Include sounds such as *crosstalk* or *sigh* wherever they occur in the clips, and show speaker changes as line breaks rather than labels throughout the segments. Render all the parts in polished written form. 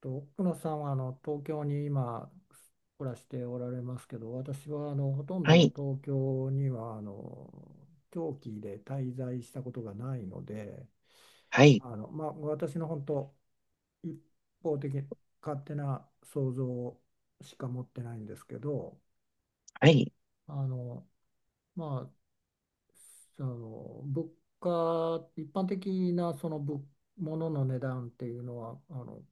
と、奥野さんは東京に今暮らしておられますけど、私はほとん
は
ど
い、
東京には長期で滞在したことがないので、
はい、
私の本当一方的勝手な想像しか持ってないんですけど、
はい、
あのまあその物価一般的なその物の値段っていうのは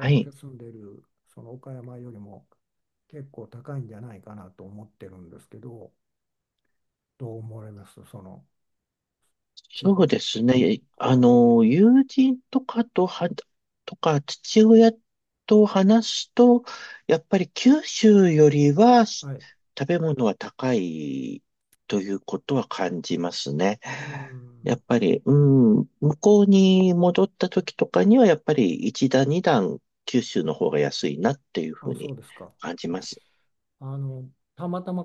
はい。
が住んでいるその岡山よりも結構高いんじゃないかなと思ってるんですけど、どう思われますその地
そう
方
です
と
ね。
比べて。
友人とかとは、とか、父親と話すと、やっぱり九州よりは食
はい。
べ物は高いということは感じますね。
う
や
ん。
っぱり、向こうに戻った時とかには、やっぱり一段二段九州の方が安いなっていうふ
あ、
う
そ
に
うですか。
感じます。
あの、たまたま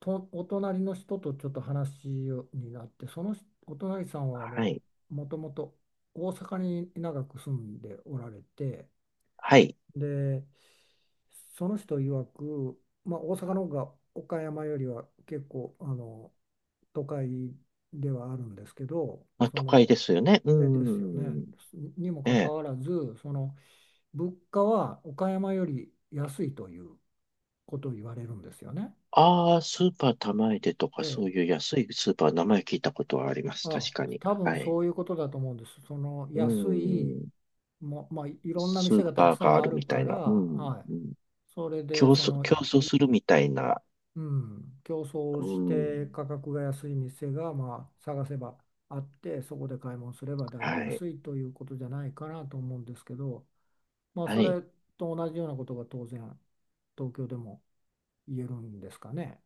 とお隣の人とちょっと話になって、その人お隣さんは
はい、
もともと大阪に長く住んでおられて、
はい。
で、その人曰く、まあ、大阪の方が岡山よりは結構都会ではあるんですけど、
まあ、
そ
都会
の、
ですよね。う
えですよね。
ん。
にも
え
かか
え。
わらず、その物価は岡山より安いということを言われるんですよね。
ああ、スーパー玉出でとか、
で、
そういう安いスーパー、名前聞いたことはあります。確
あ、
かに。
多分
はい。
そういうことだと思うんです。その
う
安い、
ん。
まあ、いろんな
スー
店がたく
パー
さ
があ
んあ
る
る
みた
か
い
ら、
な。うん。
はい。
うん
それで
競
そ
争、
の
競争するみたいな。
うん、競争
う
して
ん。
価格が安い店がまあ探せばあってそこで買い物すればだいぶ
はい。
安いということじゃないかなと思うんですけど、まあ、
は
そ
い。
れと同じようなことが当然東京でも言えるんですかね。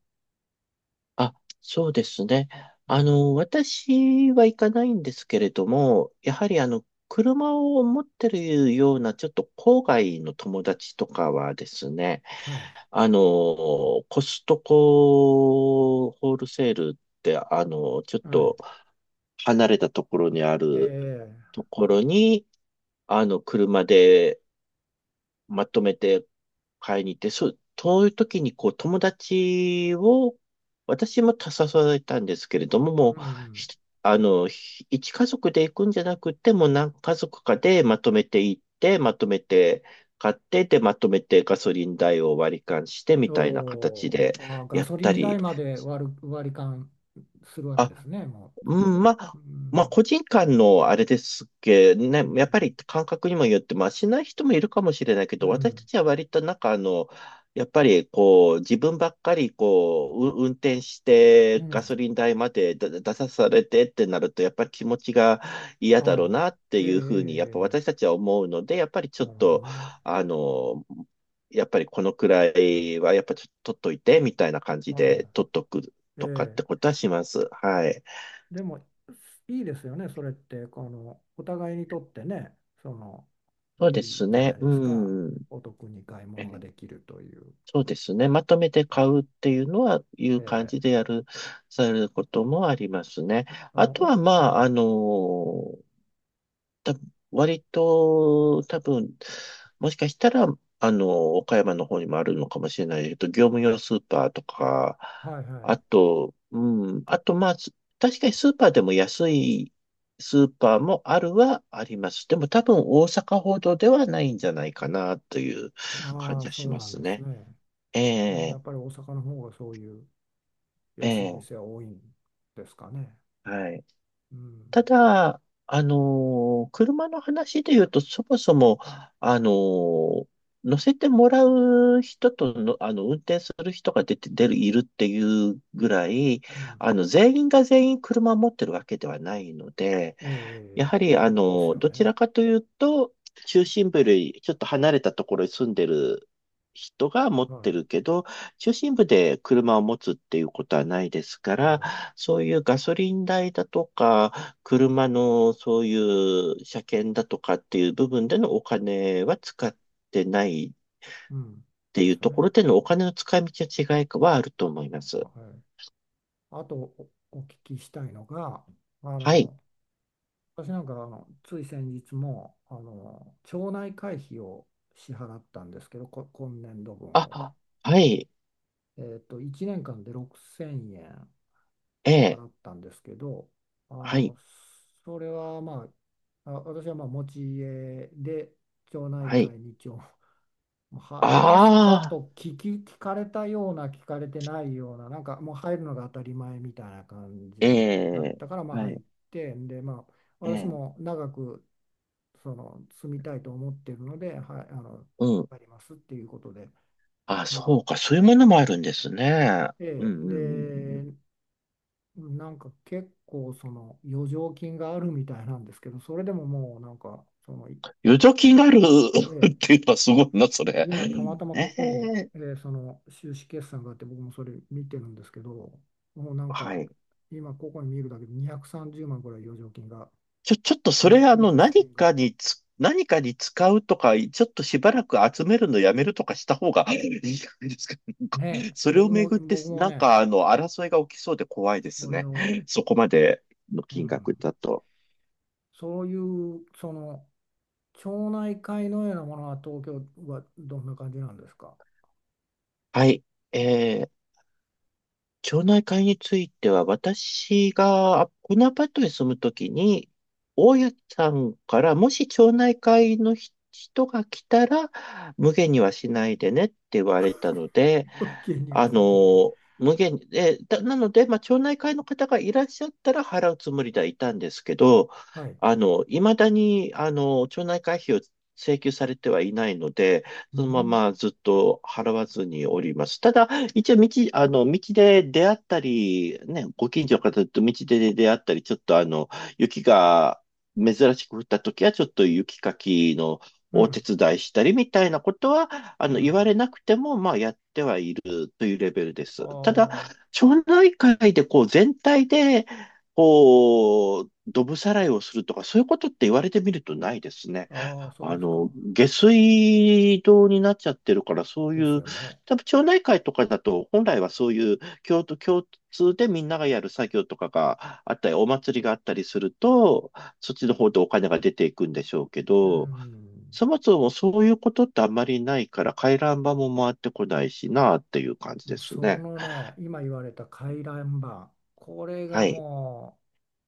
あ、そうですね。
うん、
私は行かないんですけれども、やはり車を持ってるような、ちょっと郊外の友達とかはですね、
はい、
あの、コストコホールセールって、ちょっ
はい、
と離れたところにあ
え
る
え
ところに、車でまとめて買いに行って、そう、そういう時にこう友達を、私も誘われたんですけれども、も
う
う、
ん、
ひあの、ひ一家族で行くんじゃなくて、もう何家族かでまとめて行って、まとめて買って、で、まとめてガソリン代を割り勘してみたいな形で
あーガ
やっ
ソリ
た
ン
り、
代まで割り勘するわけ
あ、
ですねもう
う
そこ
ん、
で。
まあ、
う
まあ、
ん、
個人間のあれですけど、ね、
うん、
やっぱり感覚にもよって、まあ、しない人もいるかもしれないけ
う
ど、私た
ん、
ちは割とやっぱりこう、自分ばっかりこう運転し
う
てガ
ん、
ソリン代までだ出さされてってなると、やっぱり気持ちが嫌
あ
だろう
あ
なって
えええ
いうふうに、やっぱ
ええ
私た
え
ちは思うので、やっぱりちょ
な
っ
るほど
と、
ね。
あの、やっぱりこのくらいはやっぱちょっと取っといてみたいな感じ
は
で取っとく
い。え
とかっ
え。
てことはします。はい。
でも、いいですよね。それって、この、お互いにとってね、その、
そ
い
うで
い
す
じゃな
ね。
いですか。
うん。
お得に買い
え
物が
え、
できるという
そうですね。まとめて
こと
買
で。
うっていうのは、い
え
う感
え。
じでやる、されることもありますね。
あ
あ
の、
とは、
お、
まあ、
え
あの
え。
た、割と、多分、もしかしたら、岡山の方にもあるのかもしれないけど、業務用スーパーとか、
はいはい。
あと、うん、あと、まあ、確かにスーパーでも安いスーパーもあるはあります。でも多分大阪ほどではないんじゃないかなという感
あ
じ
あ、
は
そ
し
う
ま
なん
す
です
ね。
ね。
え
あーや
え、
っぱり大阪の方がそういう
え
安い
え、
店は多いんですかね。
はい。
うん。
ただ、車の話で言うと、そもそも、あのー乗せてもらう人との、運転する人が出て、出る、いるっていうぐらい、
うん。
全員が全員車を持ってるわけではないので、
え
や
え。ええ
はり、
ええですよ
どち
ね。
らかというと、中心部よりちょっと離れたところに住んでる人が持って
は
るけど、中心部で車を持つっていうことはないですか
い。え
ら、
え。
そういうガソリン代だとか、車のそういう車検だとかっていう部分でのお金は使ってないっ
うん。
て
で
いう
す
とこ
ね。
ろでのお金の使い道は違いはあると思います。
はい。あとお聞きしたいのが、あ
はい。
の、私なんかつい先日も町内会費を支払ったんですけど、今年度分を。
あ、はい。
1年間で6000円
ええ。
払ったんですけど、あ
はい。
の、それは私はまあ持ち家で町内
はい。
会に入りますか
ああ。
と聞かれたような、聞かれてないような、なんかもう入るのが当たり前みたいな感
え
じだっ
え。
たから、まあ
は
入っ
い。
て、で、まあ、
え
私
え。
も長くその住みたいと思ってるので、はい、
うん。
入りますっていうことで
あ、
入っ
そうか。そういうも
て、
のもあるんですね。うん、
で、
うん、うん、うん。
で、なんか結構その余剰金があるみたいなんですけど、それでももうなんか、その、
余剰金がある *laughs*
え
っ
え
ていうのはすごいな、それ。
今、たまたま
え
ここに、
え。
その収支決算があって、僕もそれ見てるんですけど、もうなん
は
か、
い。
今ここに見るだけで230万ぐらい余剰金が、
ちょっとそれ
繰越金が。
何かに使うとか、ちょっとしばらく集めるのやめるとかした方が *laughs* いいんじゃないですか。なんか、
ねえ、
それ
僕
をめ
も、
ぐって、
僕も
なん
ね、
か争いが起きそうで怖いです
それ
ね。
を、
そこまでの
う
金額
ん、
だと。
そういう、その、町内会のようなものは東京はどんな感じなんですか
はい。えー町内会については、私がこのアパートに住むときに、大家さんから、もし町内会の人が来たら、無限にはしないでねって言われたので、
*laughs* 気には
あ
しないでね。
の、無限に、えだ、なので、まあ、町内会の方がいらっしゃったら払うつもりではいたんですけど、
はい。
未だに、町内会費を請求されてはいないので、
う
そのま
ん、
まずっと払わずにおります。ただ、一応道、あの、道で出会ったり、ね、ご近所の方と道で出会ったり、ちょっと雪が珍しく降った時は、ちょっと雪かきの
う
お手
ん、
伝いしたりみたいなことは、
う
言わ
ん。
れなくても、まあ、やってはいるというレベルです。ただ、
あ
町内会でこう、全体で、こう、どぶさらいをするとか、そういうことって言われてみるとないですね。
あ、ああ、そうですか。
下水道になっちゃってるから、そう
で
い
す
う、
よね。
多分町内会とかだと、本来はそういう共通でみんながやる作業とかがあったり、お祭りがあったりすると、そっちの方でお金が出ていくんでしょうけ
う
ど、
ん。
そもそもそういうことってあんまりないから、回覧板も回ってこないしなっていう感じ
も
で
う
す
そ
ね。
のね、今言われた回覧板、これが
はい。
も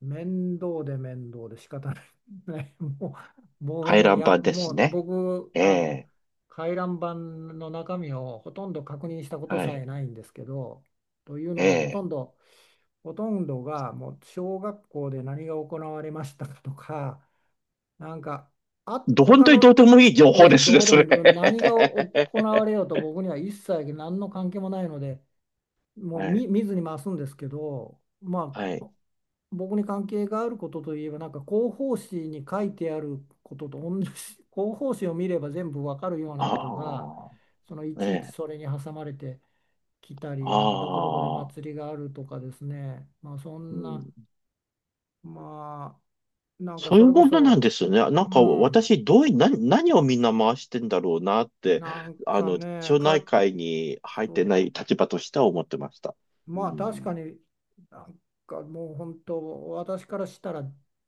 う面倒で面倒で仕方ない。*laughs* ね、もう僕は
回
もう
覧
や、
板で
も
す
う
ね。
僕、
ええ、
回覧板の中身をほとんど確認したこと
は
さ
い。
えないんですけど、という
え
のがほと
え。
んど、ほとんどがもう小学校で何が行われましたかとか、なんか、あ、
本
他
当にどう
の、
でもいい情
え
報
え、
ですね、
どうで
それ。
も何が行
*laughs*
われようと僕には一切何の関係もないので、もう
はい。
見ずに回すんですけど、ま
はい。
あ、僕に関係があることといえば、なんか広報誌に書いてあることと同じ、*laughs* 広報誌を見れば全部わかるようなことが、
あ
そのい
あ、ね
ちいち
え。
それに挟まれてきたり、
あ
なんかどこどこで
あ、
祭りがあるとかですね、まあ、そ
う
んな、
ん。
まあ、なんか
そうい
そ
う
れこ
ものなん
そ、
ですよね。なん
う
か
ん、
私、どうい、何、何をみんな回してんだろうなって、
なんかね、
町内
か、
会に入っ
そ
て
う
ない立場としては思ってました。う
まあ確
ん。
かになんかもう本当私からしたら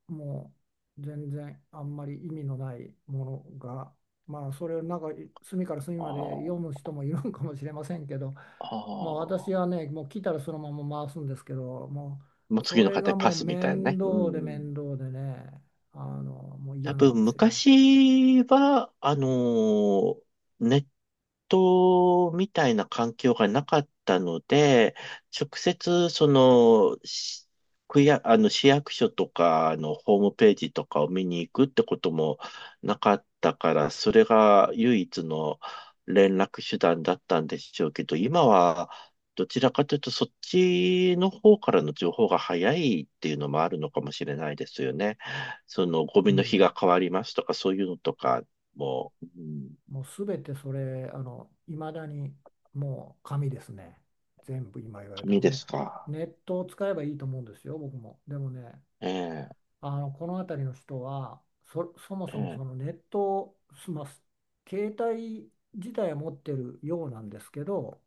もう全然あんまり意味のないものがまあそれをなんか隅から隅
あ
まで読
あ、
む人もいるんかもしれませんけど
あ
まあ私
あ。
はねもう来たらそのまま回すんですけども
もう
うそ
次の
れ
方へ
が
パ
もう
スみたいな
面
ね。う
倒で
ん。
面倒でねあのもう嫌
多
なんで
分
すよも
昔は、ネットみたいな環境がなかったので、直接、その、区や、市役所とかのホームページとかを見に行くってこともなかったから、それが唯一の連絡手段だったんでしょうけど、今は、どちらかというと、そっちの方からの情報が早いっていうのもあるのかもしれないですよね。そのゴミ
う。う
の日
ん
が変わりますとか、そういうのとかも、うん、
もうすべてそれ、いまだにもう紙ですね。全部今言われたら、
紙で
も
す
う
か。
ネットを使えばいいと思うんですよ、僕も。でもね、
ええ、
この辺りの人は、そも
え
そも
え、
そのネットを済ます、携帯自体は持ってるようなんですけど、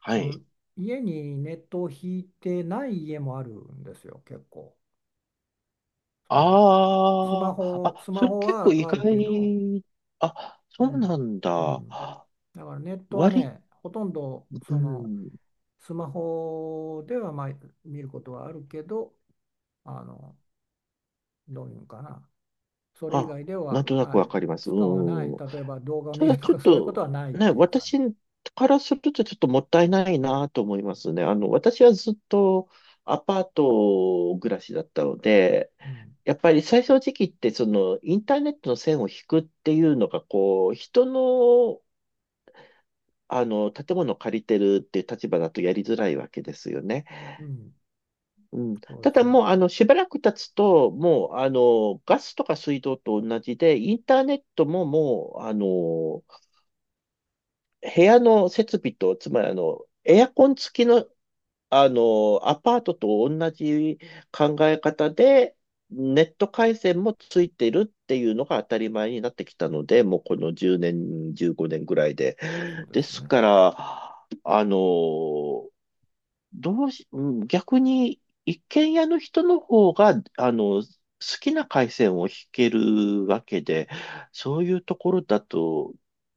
は
その
い。
家にネットを引いてない家もあるんですよ、結構。その
ああ、あ、
スマ
それ
ホ
結構意
はあるけど、
外。あ、
う
そうな
ん、
ん
う
だ。
ん、だからネットは
割り、
ね、ほとんど
う
その
ん。
スマホではまあ見ることはあるけど、あの、どういうんかな、それ以
あ、
外で
なん
は、
となく
は
わ
い、
かります。
使わない、
うん。
例えば動画を
た
見る
だ
と
ちょっ
かそういうこと
と、
はないっ
ね、
ていう感
私からするとちょっともったいないなと思いますね。私はずっとアパート暮らしだったので、
じ。うん、
やっぱり最初の時期って、その、インターネットの線を引くっていうのが、こう、人の、建物を借りてるっていう立場だとやりづらいわけですよね。
うん、
うん。
そうで
た
す
だ
ね、
もう、しばらく経つと、もう、ガスとか水道と同じで、インターネットももう、部屋の設備と、つまり、エアコン付きのアパートと同じ考え方で、ネット回線もついてるっていうのが当たり前になってきたので、もうこの10年、15年ぐらいで。
そうで
で
す
す
ね。
から、あの、どうし、うん逆に一軒家の人の方が、好きな回線を引けるわけで、そういうところだと、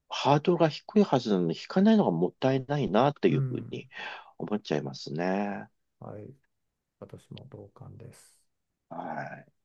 ハードルが低いはずなのに、引かないのがもったいないなって
う
いうふう
ん、
に思っちゃいますね。
はい、私も同感です。
はい。